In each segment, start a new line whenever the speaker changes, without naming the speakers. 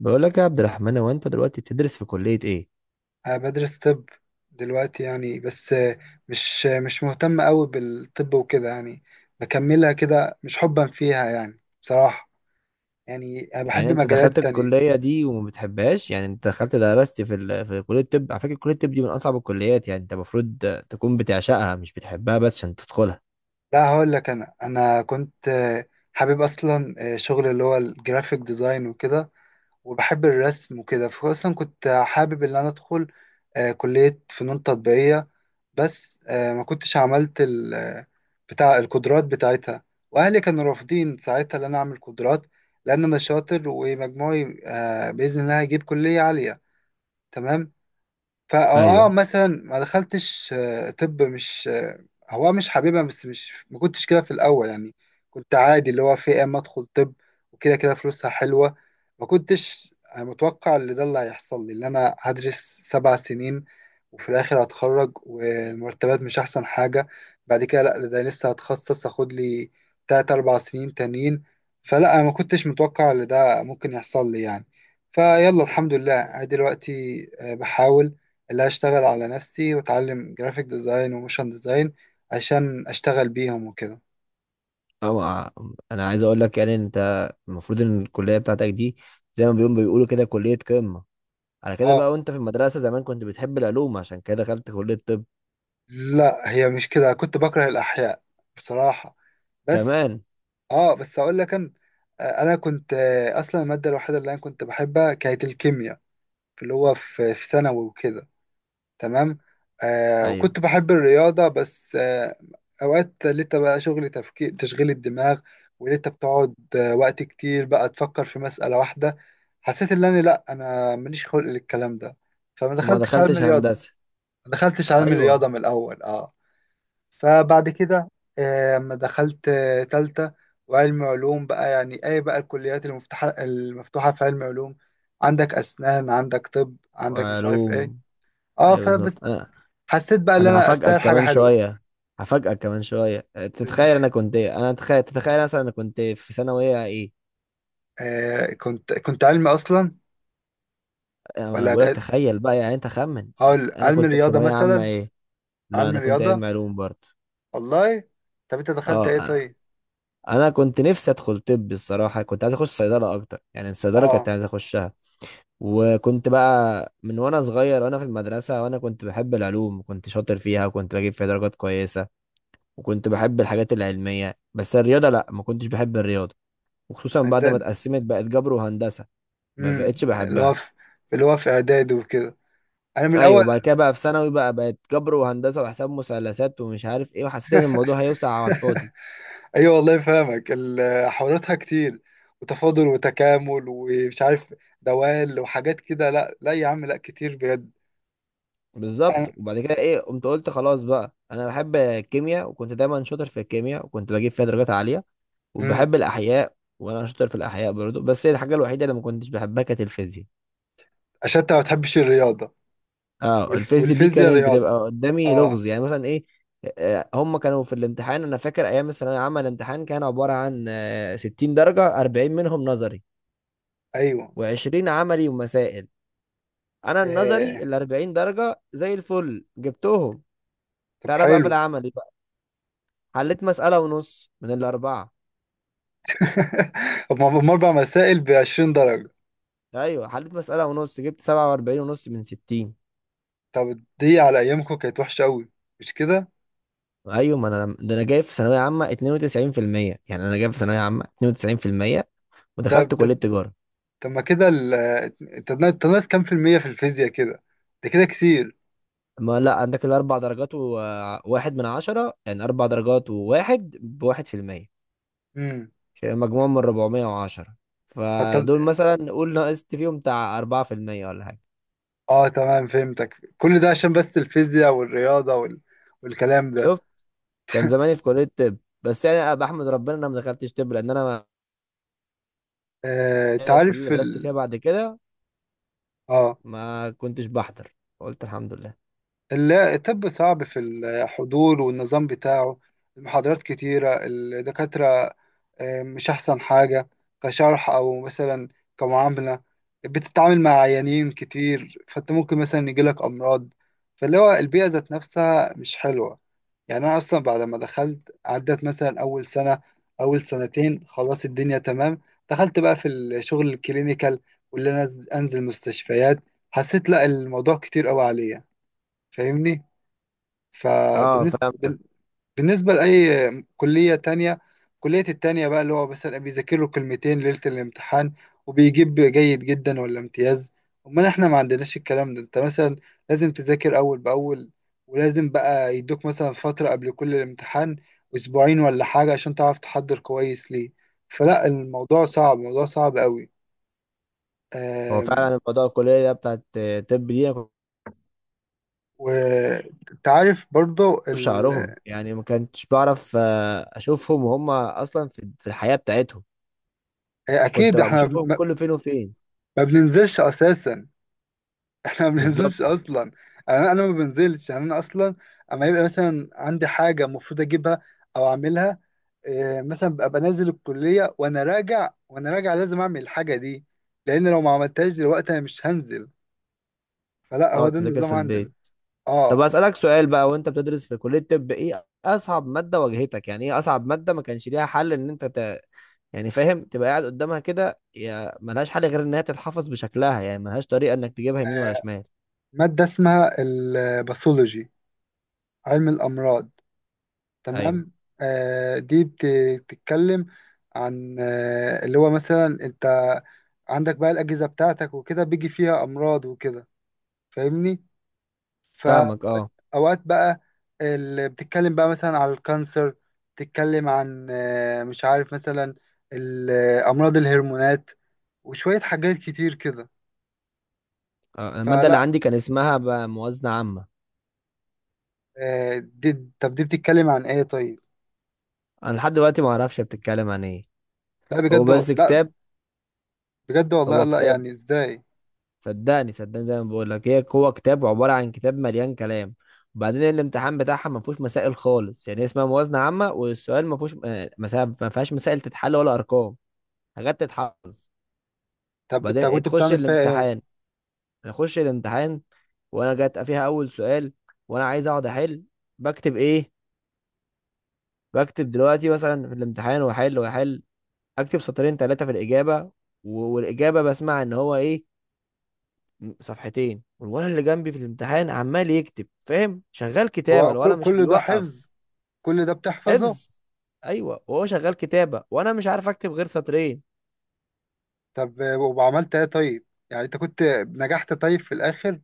بقول لك يا عبد الرحمن، هو انت دلوقتي بتدرس في كلية ايه؟
أنا بدرس طب دلوقتي يعني بس. مش مهتم أوي بالطب وكده يعني. بكملها كده مش حبا فيها يعني بصراحة. يعني أنا
يعني
بحب
انت دخلت
مجالات تانية.
الكلية دي وما بتحبهاش؟ يعني انت دخلت درست في في كلية الطب. على فكرة، كلية الطب دي من اصعب الكليات، يعني انت المفروض تكون بتعشقها، مش بتحبها بس عشان تدخلها.
لا، هقول لك. أنا كنت حابب أصلا شغل اللي هو الجرافيك ديزاين وكده، وبحب الرسم وكده. فأصلا كنت حابب إن أنا أدخل كلية فنون تطبيقية. بس ما كنتش عملت ال آه، بتاع القدرات بتاعتها. واهلي كانوا رافضين ساعتها ان انا اعمل قدرات، لان انا شاطر ومجموعي باذن الله هيجيب كليه عاليه. تمام. فاه
ايوه.
مثلا ما دخلتش طب. مش هو مش حاببها، بس مش ما كنتش كده في الاول يعني. كنت عادي اللي هو في إيه اما ادخل طب وكده كده، فلوسها حلوه. ما كنتش أنا متوقع اللي ده، اللي هيحصل لي، اللي انا هدرس 7 سنين وفي الاخر هتخرج والمرتبات مش احسن حاجه. بعد كده لا، ده لسه هتخصص اخد لي تلات اربع سنين تانيين. فلا انا ما كنتش متوقع اللي ده ممكن يحصل لي يعني. فيلا الحمد لله، أنا دلوقتي بحاول اللي هشتغل على نفسي واتعلم جرافيك ديزاين وموشن ديزاين عشان اشتغل بيهم وكده.
أو... انا عايز اقول لك، يعني انت المفروض ان الكلية بتاعتك دي، زي ما بيقولوا كده، كلية قمة. على كده
اه.
بقى، وانت في المدرسة زمان كنت بتحب العلوم، عشان كده دخلت كلية الطب.
لا، هي مش كده. كنت بكره الاحياء بصراحه. بس
كمان
اه، بس اقول لك انا انا كنت اصلا الماده الوحيده اللي انا كنت بحبها كانت الكيمياء، في اللي هو في ثانوي وكده. تمام. آه،
ايوه.
وكنت بحب الرياضة بس أوقات. لقيت بقى شغل تفكير، تشغيل الدماغ، ولقيت بتقعد وقت كتير بقى تفكر في مسألة واحدة. حسيت إن أنا لأ، أنا ماليش خلق للكلام ده، فما
فما
دخلتش علم
دخلتش
الرياضة.
هندسة.
ما دخلتش علم
ايوه.
الرياضة من الأول، أه. فبعد كده أما دخلت تالتة وعلم علوم بقى، يعني أي بقى الكليات المفتوحة في علم علوم. عندك أسنان، عندك طب، عندك مش عارف إيه.
علوم.
اه
ايوه بالظبط.
فبس. حسيت بقى ان
انا
انا
هفاجئك
استاهل حاجه
كمان
حلوه.
شويه، هفاجئك كمان شويه.
إز...
تتخيل انا كنت ايه؟ انا تخيل تتخيل مثلا انا كنت في ثانويه ايه؟
آه، كنت علمي اصلا.
انا
ولا
بقول لك
ج-
تخيل بقى، يعني انت خمن.
هقول
انا
علمي
كنت في
رياضه
ثانويه عامه
مثلا.
ايه؟ لا
علمي
انا كنت علم
رياضه،
علوم برضه.
والله. طب انت دخلت ايه
اه،
طيب؟
انا كنت نفسي ادخل طب، الصراحه كنت عايز اخش صيدله اكتر، يعني الصيدله كنت
اه،
عايز اخشها. وكنت بقى من وانا صغير وانا في المدرسه، وانا كنت بحب العلوم، وكنت شاطر فيها وكنت بجيب فيها درجات كويسه، وكنت بحب الحاجات العلميه. بس الرياضه لا، ما كنتش بحب الرياضه، وخصوصا بعد ما
عايزين
اتقسمت بقت جبر وهندسه، ما بقتش
اللي هو
بحبها.
في اعداد وكده. انا من
ايوه،
اول.
وبعد كده بقى في ثانوي بقى، بقت جبر وهندسه وحساب مثلثات ومش عارف ايه، وحسيت ان الموضوع هيوسع على الفاضي.
ايوه والله فاهمك، حواراتها كتير وتفاضل وتكامل ومش عارف دوال وحاجات كده. لا لا يا عم، لا كتير بجد.
بالظبط.
أنا-
وبعد كده ايه، قمت قلت خلاص بقى انا بحب الكيمياء، وكنت دايما شاطر في الكيمياء وكنت بجيب فيها درجات عاليه.
امم
وبحب الاحياء وانا شاطر في الاحياء برضه، بس هي الحاجه الوحيده اللي ما كنتش بحبها كانت الفيزياء.
عشان انت ما بتحبش الرياضه،
اه الفيز دي
والفيزياء
كانت
رياضه.
بتبقى قدامي
اه
لغز. يعني مثلا ايه، هم كانوا في الامتحان. انا فاكر ايام الثانويه العامه الامتحان كان عباره عن 60 درجه، 40 منهم نظري
ايوه.
و20 عملي ومسائل. انا النظري
آه.
ال 40 درجه زي الفل جبتهم.
طب
تعالى بقى في
حلو.
العملي بقى، حليت مساله ونص من الاربعه.
طب ما هم اربع مسائل ب 20 درجه؟
ايوه، حليت مساله ونص، جبت 47 ونص من 60.
طب دي على ايامكم كانت وحشه قوي، مش كده؟
ايوه، ما انا ده انا جايب في ثانويه عامه 92%، يعني انا جايب في ثانويه عامه 92% ودخلت
طب
كليه
ده-
تجاره.
طب ما كده ال- انت ناقص كام في الميه في الفيزياء كده؟ ده كده كتير.
ما لا، عندك الاربع درجات وواحد من عشرة، يعني اربع درجات وواحد بواحد في المية.
امم
مجموعة من ربعمية وعشرة،
طب-
فدول مثلا نقول نقصت فيهم بتاع اربعة في المية ولا حاجة.
اه تمام فهمتك، كل ده عشان بس الفيزياء والرياضه والكلام ده.
شفت؟ كان زماني في كلية طب، بس يعني أنا بحمد ربنا إن انا ما دخلتش طب، لان انا
آه. انت
الكلية اللي
عارف
درست فيها بعد كده
اه
ما كنتش بحضر، قلت الحمد لله.
لا، الطب صعب في الحضور والنظام بتاعه. المحاضرات كتيره، الدكاتره مش أحسن حاجة، كشرح أو مثلا كمعاملة. بتتعامل مع عيانين كتير فأنت ممكن مثلا يجيلك أمراض، فاللي هو البيئة ذات نفسها مش حلوة يعني. أنا أصلا بعد ما دخلت عدت مثلا أول سنة، أول سنتين خلاص الدنيا تمام. دخلت بقى في الشغل الكلينيكال، واللي أنا أنزل مستشفيات، حسيت لا، الموضوع كتير أوي عليا، فاهمني.
اه
فبالنسبة
فهمتك.
بالنسبة لأي كلية تانية، كلية التانية بقى اللي هو مثلا بيذاكر له كلمتين ليلة الامتحان وبيجيب جيد جدا ولا امتياز. أمال احنا ما عندناش الكلام ده، انت مثلا لازم تذاكر أول بأول، ولازم بقى يدوك مثلا فترة قبل كل الامتحان، أسبوعين ولا حاجة عشان تعرف تحضر كويس ليه. فلا الموضوع صعب، موضوع صعب قوي.
هو فعلا
أم،
الموضوع الكلية بتاعت طب دي، أنا كنت
وتعرف برضه
بشوف شعرهم، يعني ما كنتش بعرف اشوفهم وهم اصلا في الحياة بتاعتهم، كنت
أكيد
بقى
احنا
بشوفهم
ما
كل فين وفين.
ما بننزلش أساسا. انا ما
بالظبط،
بنزلش اصلا، يعني انا ما بنزلش، يعني انا اصلا اما يبقى مثلا عندي حاجه المفروض اجيبها او اعملها. إيه، مثلا ببقى بنزل الكليه وانا راجع لازم اعمل الحاجه دي، لان لو ما عملتهاش دلوقتي انا مش هنزل. فلا هو
تقعد
ده
تذاكر
النظام
في
عندنا.
البيت. طب
اه.
اسالك سؤال بقى، وانت بتدرس في كليه طب، ايه اصعب ماده واجهتك؟ يعني ايه اصعب ماده ما كانش ليها حل ان انت؟ يعني فاهم، تبقى قاعد قدامها كده، يا ملهاش حل غير ان هي تتحفظ بشكلها، يعني ملهاش طريقه انك تجيبها يمين ولا
آه،
شمال.
ماده اسمها الباثولوجي، علم الامراض.
ايوه
تمام. آه، دي بتتكلم عن اللي هو مثلا انت عندك بقى الاجهزه بتاعتك وكده، بيجي فيها امراض وكده، فاهمني.
فاهمك، اه.
فاوقات بقى، اللي بتتكلم بقى مثلا على الكانسر، بتتكلم عن مش عارف، مثلا امراض الهرمونات وشوية حاجات كتير كده.
الماده اللي
فلا
عندي كان اسمها بقى موازنه عامه.
دي، طب دي بتتكلم عن ايه طيب؟
انا لحد دلوقتي ما اعرفش هي بتتكلم عن ايه.
لا
هو
بجد
بس
لا،
كتاب،
بجد والله،
هو
لا
كتاب.
يعني ازاي؟
صدقني صدقني، زي ما بقول لك، هي هو كتاب عباره عن كتاب مليان كلام. وبعدين الامتحان بتاعها ما فيهوش مسائل خالص، يعني اسمها موازنه عامه والسؤال ما فيهوش مسائل، ما فيهاش مسائل تتحل ولا ارقام، حاجات تتحفظ.
طب انت
وبعدين
كنت
تخش
بتعمل فيها ايه؟
الامتحان، اخش الامتحان وانا جات فيها اول سؤال، وانا عايز اقعد احل. بكتب ايه؟ بكتب دلوقتي مثلا في الامتحان، واحل واحل، اكتب سطرين ثلاثه في الاجابه. والاجابه بسمع ان هو ايه، صفحتين. والولد اللي جنبي في الامتحان عمال يكتب، فاهم؟ شغال كتابة،
هو كل
الولد مش
كل ده حفظ،
بيوقف،
كل ده بتحفظه؟
حفظ. ايوه، وهو شغال كتابة وانا مش عارف اكتب غير سطرين.
طب وعملت ايه طيب؟ يعني انت كنت نجحت طيب في الاخر؟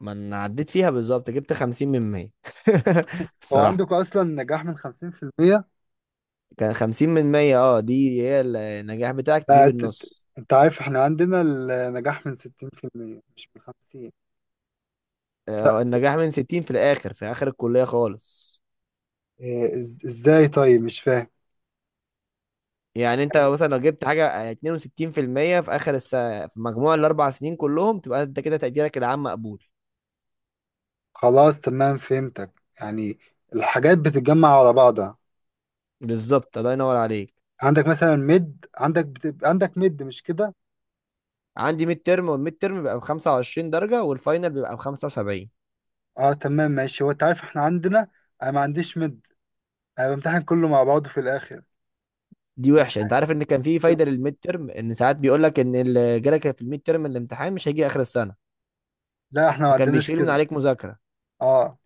ما انا عديت فيها بالظبط، جبت خمسين من مية.
هو
الصراحة،
عندك اصلا نجاح من 50%؟
كان خمسين من مية. اه دي هي النجاح بتاعك،
لا،
تجيب النص.
انت عارف احنا عندنا النجاح من 60% مش من 50. لا،
النجاح من ستين في الاخر، في اخر الكلية خالص.
إيه، ازاي طيب؟ مش فاهم.
يعني انت
يعني
مثلا لو جبت حاجة اتنين وستين في المية، في اخر في مجموع الاربع سنين كلهم، تبقى انت كده تقديرك العام مقبول.
خلاص، تمام، فهمتك، يعني الحاجات بتتجمع على بعضها.
بالظبط، الله ينور عليك.
عندك مثلا ميد، عندك بتبقى عندك ميد، مش كده؟
عندي ميد ترم، والميد ترم بيبقى ب 25 درجه والفاينل بيبقى ب 75.
اه تمام ماشي. هو انت عارف احنا عندنا، انا ما عنديش ميد، انا بمتحن كله مع بعضه في الاخر.
دي وحشه. انت عارف ان كان في فايده للميد ترم، ان ساعات بيقول لك ان اللي جالك في الميد ترم الامتحان مش هيجي اخر السنه،
لا احنا ما
فكان
عندناش
بيشيل من
كده.
عليك مذاكره.
اه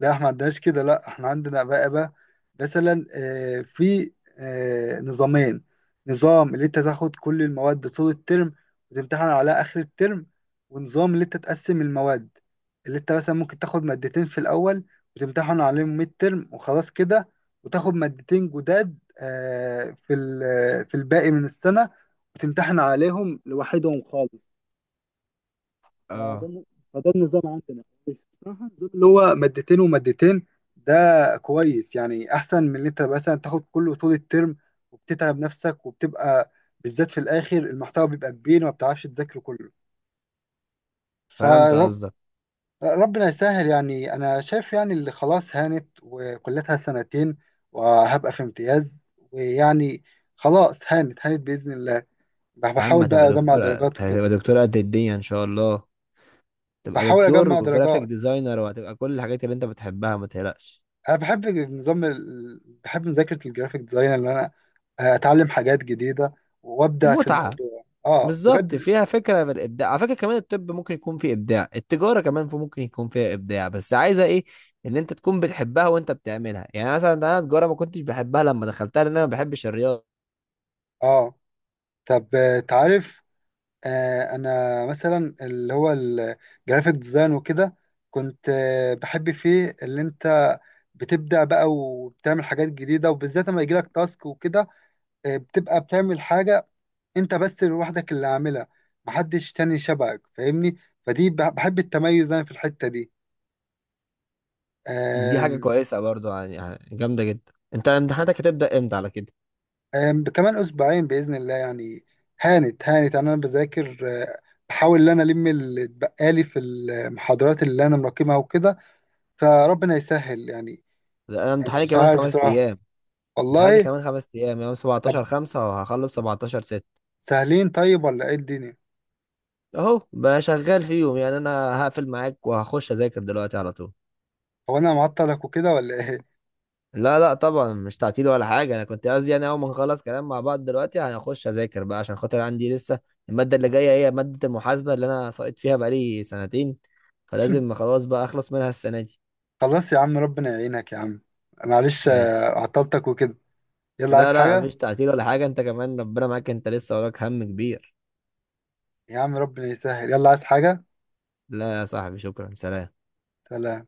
لا، احنا ما عندناش كده. لا، احنا عندنا بقى مثلا في نظامين. نظام اللي انت تاخد كل المواد طول الترم وتمتحن على اخر الترم، ونظام اللي انت تقسم المواد، اللي انت مثلا ممكن تاخد مادتين في الاول وتمتحن عليهم ميد ترم وخلاص كده، وتاخد مادتين جداد في في الباقي من السنة، وتمتحن عليهم لوحدهم خالص. فده
اه
الن- فده النظام عندنا بصراحة. النظام اللي هو مادتين ومادتين ده كويس يعني، أحسن من اللي أنت مثلا تاخد كله طول الترم، وبتتعب نفسك، وبتبقى بالذات في الآخر المحتوى بيبقى كبير وما بتعرفش تذاكره كله.
فهمت
فرب
قصدك.
ربنا يسهل يعني. أنا شايف يعني اللي خلاص هانت، وكلتها سنتين وهبقى في امتياز، ويعني خلاص هانت، هانت بإذن الله.
يا عم
بحاول
هتبقى
بقى أجمع
دكتور،
درجات وكده.
هتبقى دكتور قد الدنيا ان شاء الله. تبقى
بحاول
دكتور
أجمع
وجرافيك
درجات.
ديزاينر، وهتبقى كل الحاجات اللي انت بتحبها، ما تقلقش.
انا بحب النظام بحب مذاكره الجرافيك ديزاين، اللي انا اتعلم حاجات جديده وابدع في
ومتعه
الموضوع، اه
بالظبط،
بجد.
فيها فكرة من الإبداع. على فكرة كمان الطب ممكن يكون فيه إبداع، التجارة كمان في ممكن يكون فيها إبداع. بس عايزة إيه، إن أنت تكون بتحبها وأنت بتعملها. يعني مثلا أنا التجارة ما كنتش بحبها لما دخلتها، لأن أنا ما بحبش الرياضة.
اه. طب تعرف، آه انا مثلا اللي هو الجرافيك ديزاين وكده، كنت بحب فيه اللي انت بتبدع بقى وبتعمل حاجات جديده، وبالذات لما يجيلك تاسك وكده. بتبقى بتعمل حاجه انت بس لوحدك اللي عاملها، محدش تاني شبهك، فاهمني. بحب التميز انا في الحته
دي حاجة
دي.
كويسة برضو، يعني يعني جامدة جدا. أنت امتحاناتك هتبدأ إمتى على كده؟
كمان اسبوعين باذن الله يعني، هانت هانت يعني. انا بذاكر آه، بحاول ان انا الم اللي اتبقالي في المحاضرات اللي انا مراكمها وكده. فربنا يسهل يعني.
لا، أنا امتحاني
مش
كمان
عارف
خمس
بصراحه،
أيام. امتحاناتي
والله.
كمان خمس أيام، يوم
طب
17 5، وهخلص 17 6.
سهلين طيب ولا ايه الدنيا؟
أهو بقى شغال فيهم، يعني أنا هقفل معاك وهخش أذاكر دلوقتي على طول.
هو انا معطلك وكده ولا ايه؟
لا لا طبعا مش تعطيل ولا حاجة. أنا كنت قصدي يعني أول ما نخلص كلام مع بعض دلوقتي هنخش أذاكر بقى، عشان خاطر عندي لسه المادة اللي جاية، هي مادة المحاسبة اللي أنا ساقط فيها بقالي سنتين، فلازم خلاص بقى أخلص منها السنة دي.
خلاص يا عم، ربنا يعينك يا عم. معلش
ماشي.
عطلتك وكده. يلا،
لا
عايز
لا
حاجه؟
مفيش تعطيل ولا حاجة، أنت كمان ربنا معاك، أنت لسه وراك هم كبير.
يا عم، ربنا يسهل. يلا، عايز حاجه؟
لا يا صاحبي شكرا، سلام.
سلام.